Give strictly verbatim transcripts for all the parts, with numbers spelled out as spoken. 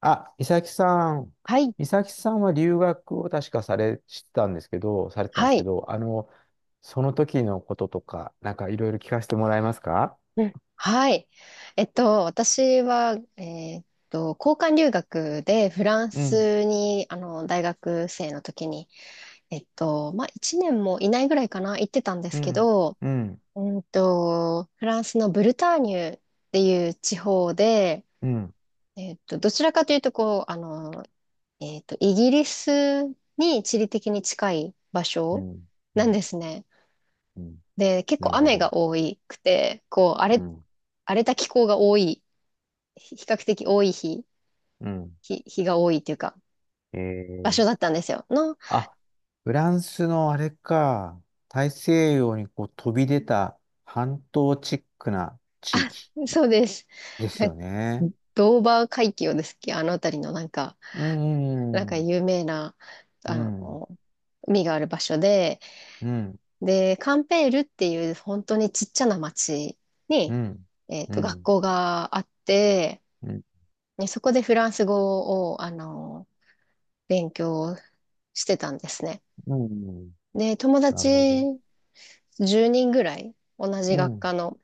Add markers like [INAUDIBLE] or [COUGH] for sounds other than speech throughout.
あ、美咲さん。はい、美咲さんは留学を確かされ、してたんですけど、されてたんではすけい、ど、あの、その時のこととか、なんかいろいろ聞かせてもらえますか？うん。はい。えっと、私は、えーっと、交換留学でフランうん、スに、あの、大学生の時に、えっと、まあ、いちねんもいないぐらいかな、行ってたんでうすけん、ど、うん、うんと、フランスのブルターニュっていう地方で、うん、えっと、どちらかというと、こう、あの、えっと、イギリスに地理的に近い場う所ん、うなんん、ですね。うん。で、結な構るほ雨ど。が多くて、こう、荒うれん、荒れた気候が多い、比較的多い日、うん。日、日が多いというか、え場ー、所だったんですよ。の、あ、フランスのあれか、大西洋にこう飛び出た半島チックなあ、地 [LAUGHS] 域そうです。で [LAUGHS] すなよね。ドーバー海峡ですっけ、あの辺りのなんか、うなんん、うかん、有名な、うあん、うん、の、海がある場所で、うん、で、カンペールっていう本当にちっちゃな町うに、ん、えっうと、学ん、校があって、うん、ね、そこでフランス語を、あの、勉強してたんですね。うん、で、友な達るほど。じゅうにんぐらい、同じう学ん、科の、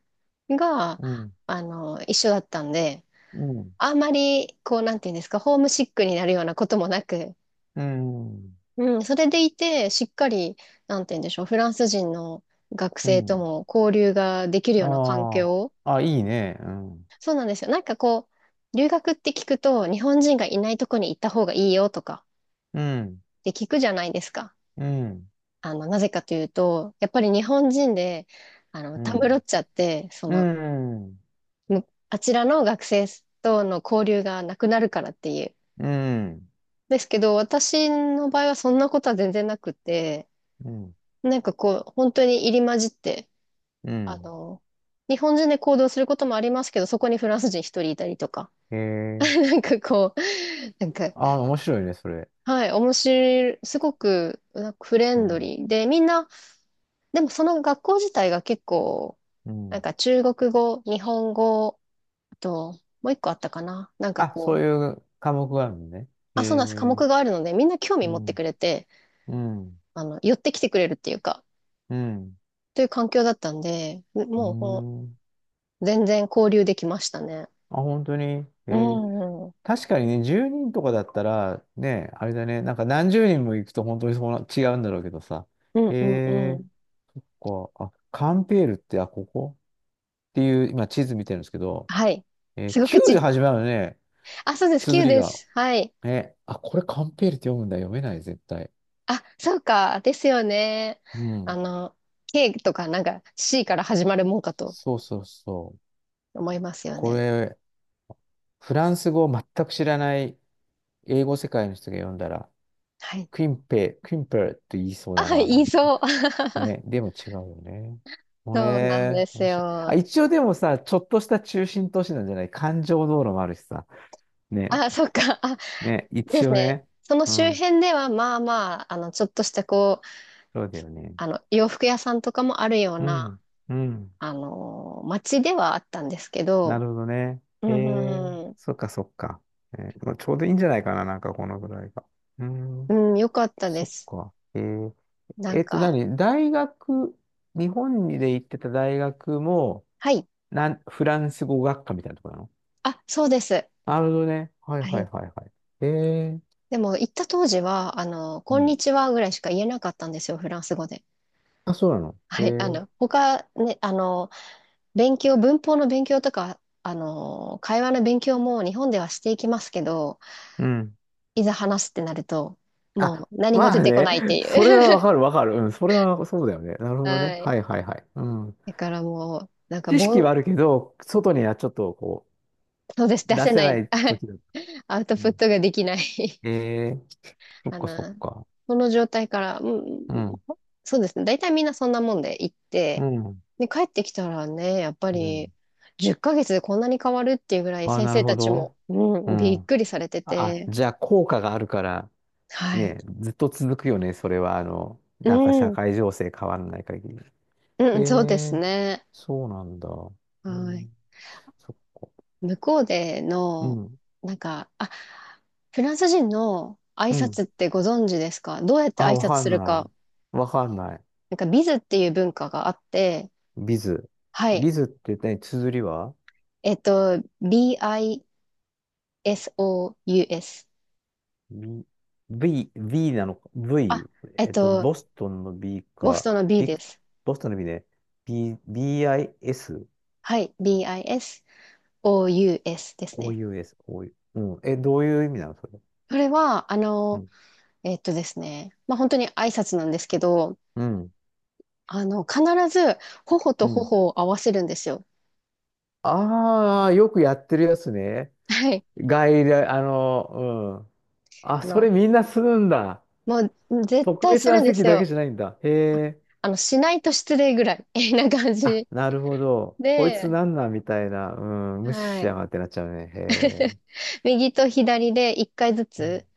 が、うん、あの、一緒だったんで、うん、あんまり、こう、なんていうんですか、ホームシックになるようなこともなく、うん、うん、それでいて、しっかり、なんていうんでしょう、フランス人の学う生とん。も交流ができるような環あ境。あ、あ、いいね。うん、そうなんですよ。なんかこう、留学って聞くと、日本人がいないとこに行った方がいいよとか、うん、って聞くじゃないですか。うん、あの、なぜかというと、やっぱり日本人で、あの、うたむろん、っちゃって、そうの、ん、むあちらの学生との交流がなくなるからっていう。うん、ですけど、私の場合はそんなことは全然なくて、うん、なんかこう、本当に入り混じって、うあん。の、日本人で行動することもありますけど、そこにフランス人一人いたりとか、へ [LAUGHS] え。なんかこう、なんか、ああ、面白いね、それ。はい、面白い、すごくなんかフレうンドん、リーで、みんな、でもその学校自体が結構、うなんん。か中国語、日本語、あと、もういっこあったかな。なんかあ、そうこう、いう科目があるのね。へあ、そうなんです。科え。目があるので、みんな興味う持ってくん、れて、うん、あの、寄ってきてくれるっていうか、うん。という環境だったんで、うーもうこん。う、全然交流できましたね。あ、本当に。へうえ。ん、うん、確かにね、じゅうにんとかだったら、ね、あれだね、なんか何十人も行くと本当にそうな、違うんだろうけどさ。うへんうんうえ、ん。そっか。あ、カンペールって、あ、ここっていう、今地図見てるんですけど、はい。えー すごく Q でち、始まるのね、あ、そうです。Q 綴りでが。す。はい。え、あ、これカンペールって読むんだ。読めない、絶対。あ、そうか。ですよね。うあん。の、K とかなんか C から始まるもんかとそうそうそう。思いますよこね。れ、フランス語を全く知らない英語世界の人が読んだら、はい。クインペ、クインペールって言いそうあ、だはい、な、言ないんて。そう。[LAUGHS] ね、でも違うよね。もそうなんでえー、す面白い。あ、よ。一応でもさ、ちょっとした中心都市なんじゃない環状道路もあるしさ。ね、あ、そっか。あ、ね、で一す応ね。ね。そのう周ん、辺では、まあまあ、あの、ちょっとしたこう、そうだよね。あの、洋服屋さんとかもあるよううな、ん、うん。あのー街ではあったんですけなど、るほどね。うえー、ん、うん、そっかそっか。えー、まあちょうどいいんじゃないかな、なんかこのぐらいが。ううん、んよかったでそっす。か。えー、なえんっとか、何、大学、日本で行ってた大学も、はい。なん、フランス語学科みたいなところ。あ、そうです。なるほどね。はいははいい。はいはい。ええ、でも、行った当時は、あの、うこんん。にちはぐらいしか言えなかったんですよ、フランス語で。あ、そうなの。えはい。あの、え、他、ね、あの、勉強、文法の勉強とか、あの、会話の勉強も日本ではしていきますけど、うん。いざ話すってなると、もうあ、何もま出あてこね。ないっていそれはわう。かるわかる。うん。それはそうだよね。なる [LAUGHS] ほどはね。はい。いはいはい。うん。だからもう、なんか、知識ぼん、はあるけど、外にはちょっとこそうです、う、出出せせなない。[LAUGHS] いはい。時だ。アウトうプッん、トができない [LAUGHS] ええ、そっあかそっの、か。この状態から、うん、うん。そうですね。大体みんなそんなもんで行っうて、ん。で、帰ってきたらね、やっぱうん。り、じゅっかげつでこんなに変わるっていうぐらいああ、先なる生ほたちど。も、ううん、びっん。くりされてあ、て、じゃあ効果があるから、はい。ね、ずっと続くよね。それは、あの、うなんか社ん、会情勢変わらない限り。うえん、そうですえ、ね。そうなんだ。えはー、い。そ向こうでうの、ん、なんか、あ、フランス人の挨うん。拶ってご存知ですか？どうやって挨あ、わ拶かすんるなか。い。わかんない。なんか、ビズっていう文化があって、ビズ。はい。ビズって何、綴りは えっと、B-I-S-O-U-S。?V、V、V なのか あ、?V、えっえっと、と、ボストンの B ボスか、トンの B ビでク、す。ボストンの B ね。B、ビーアイエス、はい。B-I-S-O-U-S ですね。オーユーエス、o うん。え、どういう意味なのそれ。それは、あうの、ん。えっとですね、まあ、本当に挨拶なんですけど、うん。あの、必ず、頬うとん。頬を合わせるんですよ。ああ、よくやってるやつね。はい。外来、あの、うん。あ、あその、れみんなするんだ。もう絶特対別するなんで席すだけよ。じゃないんだ。へえ。あの、しないと失礼ぐらい [LAUGHS] みたいな感あ、じなるほど。こいつで、なんなんみたいな。うん。無視はしい。やがってなっちゃうね。へえ。右と左でいっかいずうん。つ、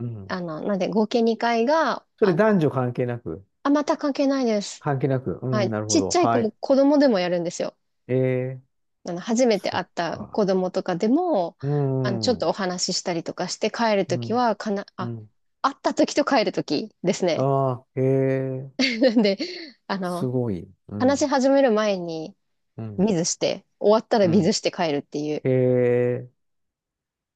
うん、あの、なんで合計にかいが、それあの、男女関係なく。あ、また関係ないです。関係なく。うはん。い。なるほちっど。ちゃい子はもい。子供でもやるんですよ。ええ。あの、初めてそ会っった子か。供とかでも、うあの、ちょっん。とうお話ししたりとかして帰るときん。は、かな、うあ、ん。会ったときと帰るときですね。ああ、へえ。[LAUGHS] なんで、あすの、ごい。う話しん。始める前に、うん。水して、終わったらう水ん。して帰るっていう。へえ。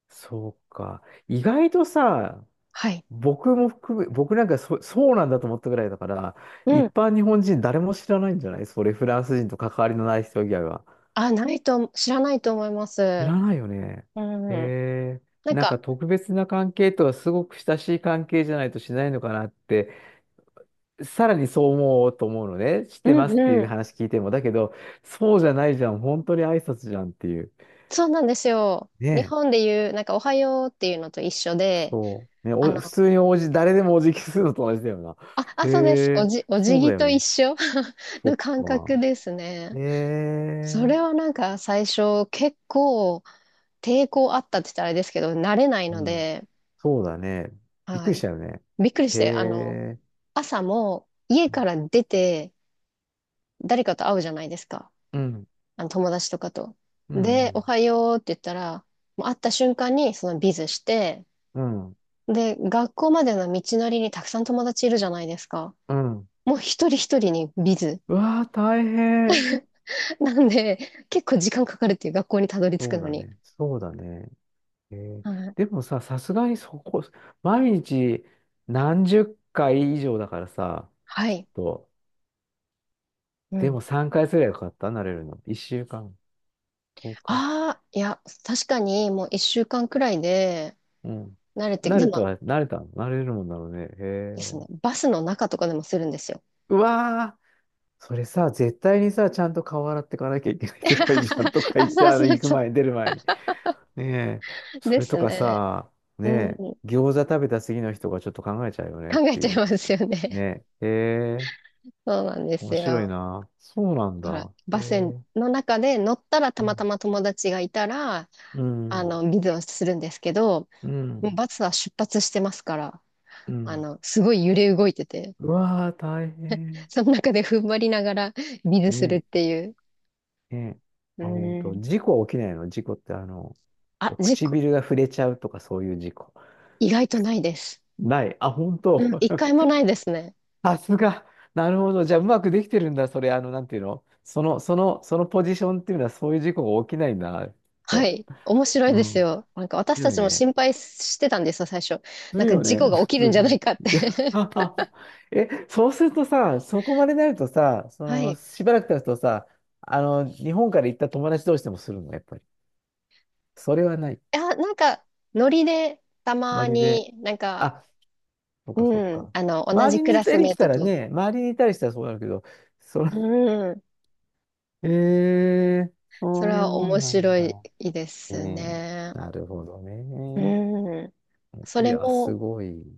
そうか。意外とさ、はい。僕も含め、僕なんかそ、そうなんだと思ったぐらいだから、う一ん。般日本人誰も知らないんじゃないそれ、フランス人と関わりのない人以外は。あ、ないと、知らないと思いま知す。らないよね。うん。へえ。なんなんか、か特別な関係とはすごく親しい関係じゃないとしないのかなって、さらにそう思うと思うのね。知っうてまんすってういうん。話聞いても。だけど、そうじゃないじゃん。本当に挨拶じゃんっていう。そうなんですよ。ね日本え。で言う、なんか、おはようっていうのと一緒で、そう。ね、あお、普の、通におじ、誰でもお辞儀するのと同じだよな。あ、へあ、そうです。おえ。じ、お辞そう儀だよと一ね。緒 [LAUGHS] そっの感覚か。ですね。へそえ、れはなんか、最初、結構、抵抗あったって言ったらあれですけど、慣れないうのん。で、そうだね。びっはくりしい。たよね。びっくりしへて、あの、え、朝も、家から出て、誰かと会うじゃないですか。うん、あの友達とかと。うで、おん、はようって言ったら、もう会った瞬間にそのビズして、うん、うん。で、学校までの道のりにたくさん友達いるじゃないですか。うん、もう一人一人にビズ。うわー大変。[LAUGHS] なんで、結構時間かかるっていう学校にたどり着そくうのだに。ね。そうだね。へえ、はい。でもさ、さすがにそこ、毎日何十回以上だからさ、はい。と、うでん。もさんかいすればよかった、慣れるの。いっしゅうかん、いちにち。ああ、いや、確かにもういっしゅうかんくらいでうん。慣れて、慣でれたもは、慣れたの、慣れるもんだろうね。へですね、え。バスの中とかでもするんですよ。うわ、それさ、絶対にさ、ちゃんと顔洗ってかなきゃいけない世界じゃんとか [LAUGHS] 言あ、って、そうあの、そう行くそ前に、出る前に。ねえ、う。そでれとすかね。さ、ねうん。え、餃子食べた次の人がちょっと考えちゃうよねっ考えてちいゃいう。ますよね。ねえ、へえ、そうなんです面白いよ。な。そうなんだからだ。へバスえ、の中で乗ったらたうまたん、ま友達がいたら、うあん、の、水をするんですけど、うもうん。バスは出発してますから、うあん、の、すごい揺れ動いてて、うわー、大変。その中で踏ん張りながら [LAUGHS] 水するっねていう。え、ねえ。うあ、本当ん。事故は起きないの、事故ってあの、あ、事故、唇が触れちゃうとかそういう事故。意外とないです。ない。あ、本うん、当、一回もないですね。さすが。[LAUGHS] なるほど。じゃあ、うまくできてるんだ。それ、あの、なんていうの、その、その、そのポジションっていうのは、そういう事故が起きないんだな、きっはと。い。面白いうでん。す面よ。なんか私た白いちもね。心配してたんですよ、最初。すなんるかよ事ね、故が起きるん普じ通ゃなね。いかって [LAUGHS] [LAUGHS] え、そうするとさ、そこまでなるとさ、そはい。の、いしばらく経つとさ、あの、日本から行った友達同士でもするの、やっぱり。それはない。や、なんか、ノリでたノまリで。になんかあ、そっかそっうん。か。あの、同周じりクにいラたスりメーしたトらと。ね、周りにいたりしたらそうなるけど、その、うん。[LAUGHS] えー、そそうれいうはも面んなん白いだ。ですうん。ね。なるほどね。うん。そいれや、すも、ごい。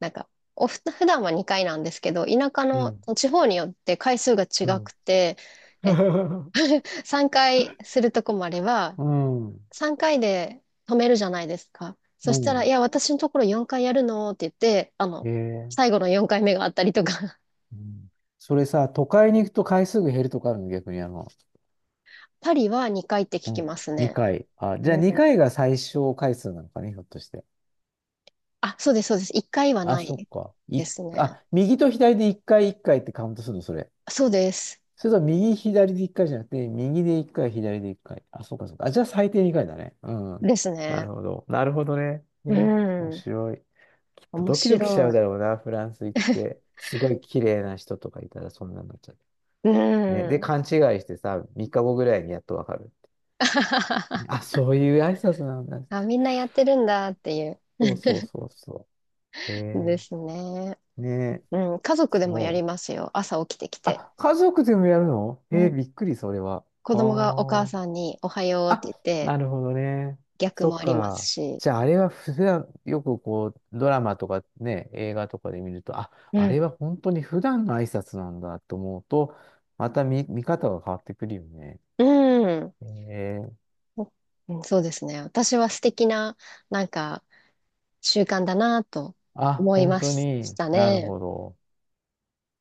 なんか、おふ、普段はにかいなんですけど、田舎うのん。地方によって回数が違うん。くて、え、[LAUGHS] [LAUGHS] さんかいするとこもあれば、うん。さんかいで止めるじゃないですか。そうしたら、いん。や、私のところよんかいやるのって言って、あの、え最え。後のよんかいめがあったりとか、うん。それさ、都会に行くと回数が減るとかあるの、逆にあの、[LAUGHS] パリはにかいって聞うきん。ますね。にかい。あ、じゃあにかいが最小回数なのかね、ひょっとして。あ、そうです、そうです。一回はあ、なそっいか。でい、すね。あ、右と左でいっかいいっかいっかいってカウントするの、それ。そうです。それとも右、左でいっかいじゃなくて、右でいっかい、左でいっかい。あ、そっかそっか。あ、じゃあ最低にかいだね。うん。ですなね。るほど。なるほどね。うね。面ん。白い。きっと面ドキ白ドい。キしちゃうだろうな、フランス行って。すごい綺麗な人とかいたらそんなになっちゃうね、うで、ん。勘違いしてさ、みっかごぐらいにやっとわかる。[LAUGHS] あ、そういう挨拶なんだ。あ、みんなやってるんだっていう。そうそうそうそう。えですね。ー、ね、うん。家族すでもやりう、ますよ。朝起きてきて。あ、家族でもやるの、うえー、ん。びっくり、それは。子供がお母あさんにおはようっあ。て言っあ、て、なるほどね。逆そもっありますか。し。じゃあ、あれは普段、よくこう、ドラマとかね、映画とかで見ると、あ、うあれん。は本当に普段の挨拶なんだと思うと、また見、見方が変わってくるよね。うん。えー、うんそうですね。私は素敵な、なんか、習慣だなとあ、思い本ま当しにたなるね。ほど。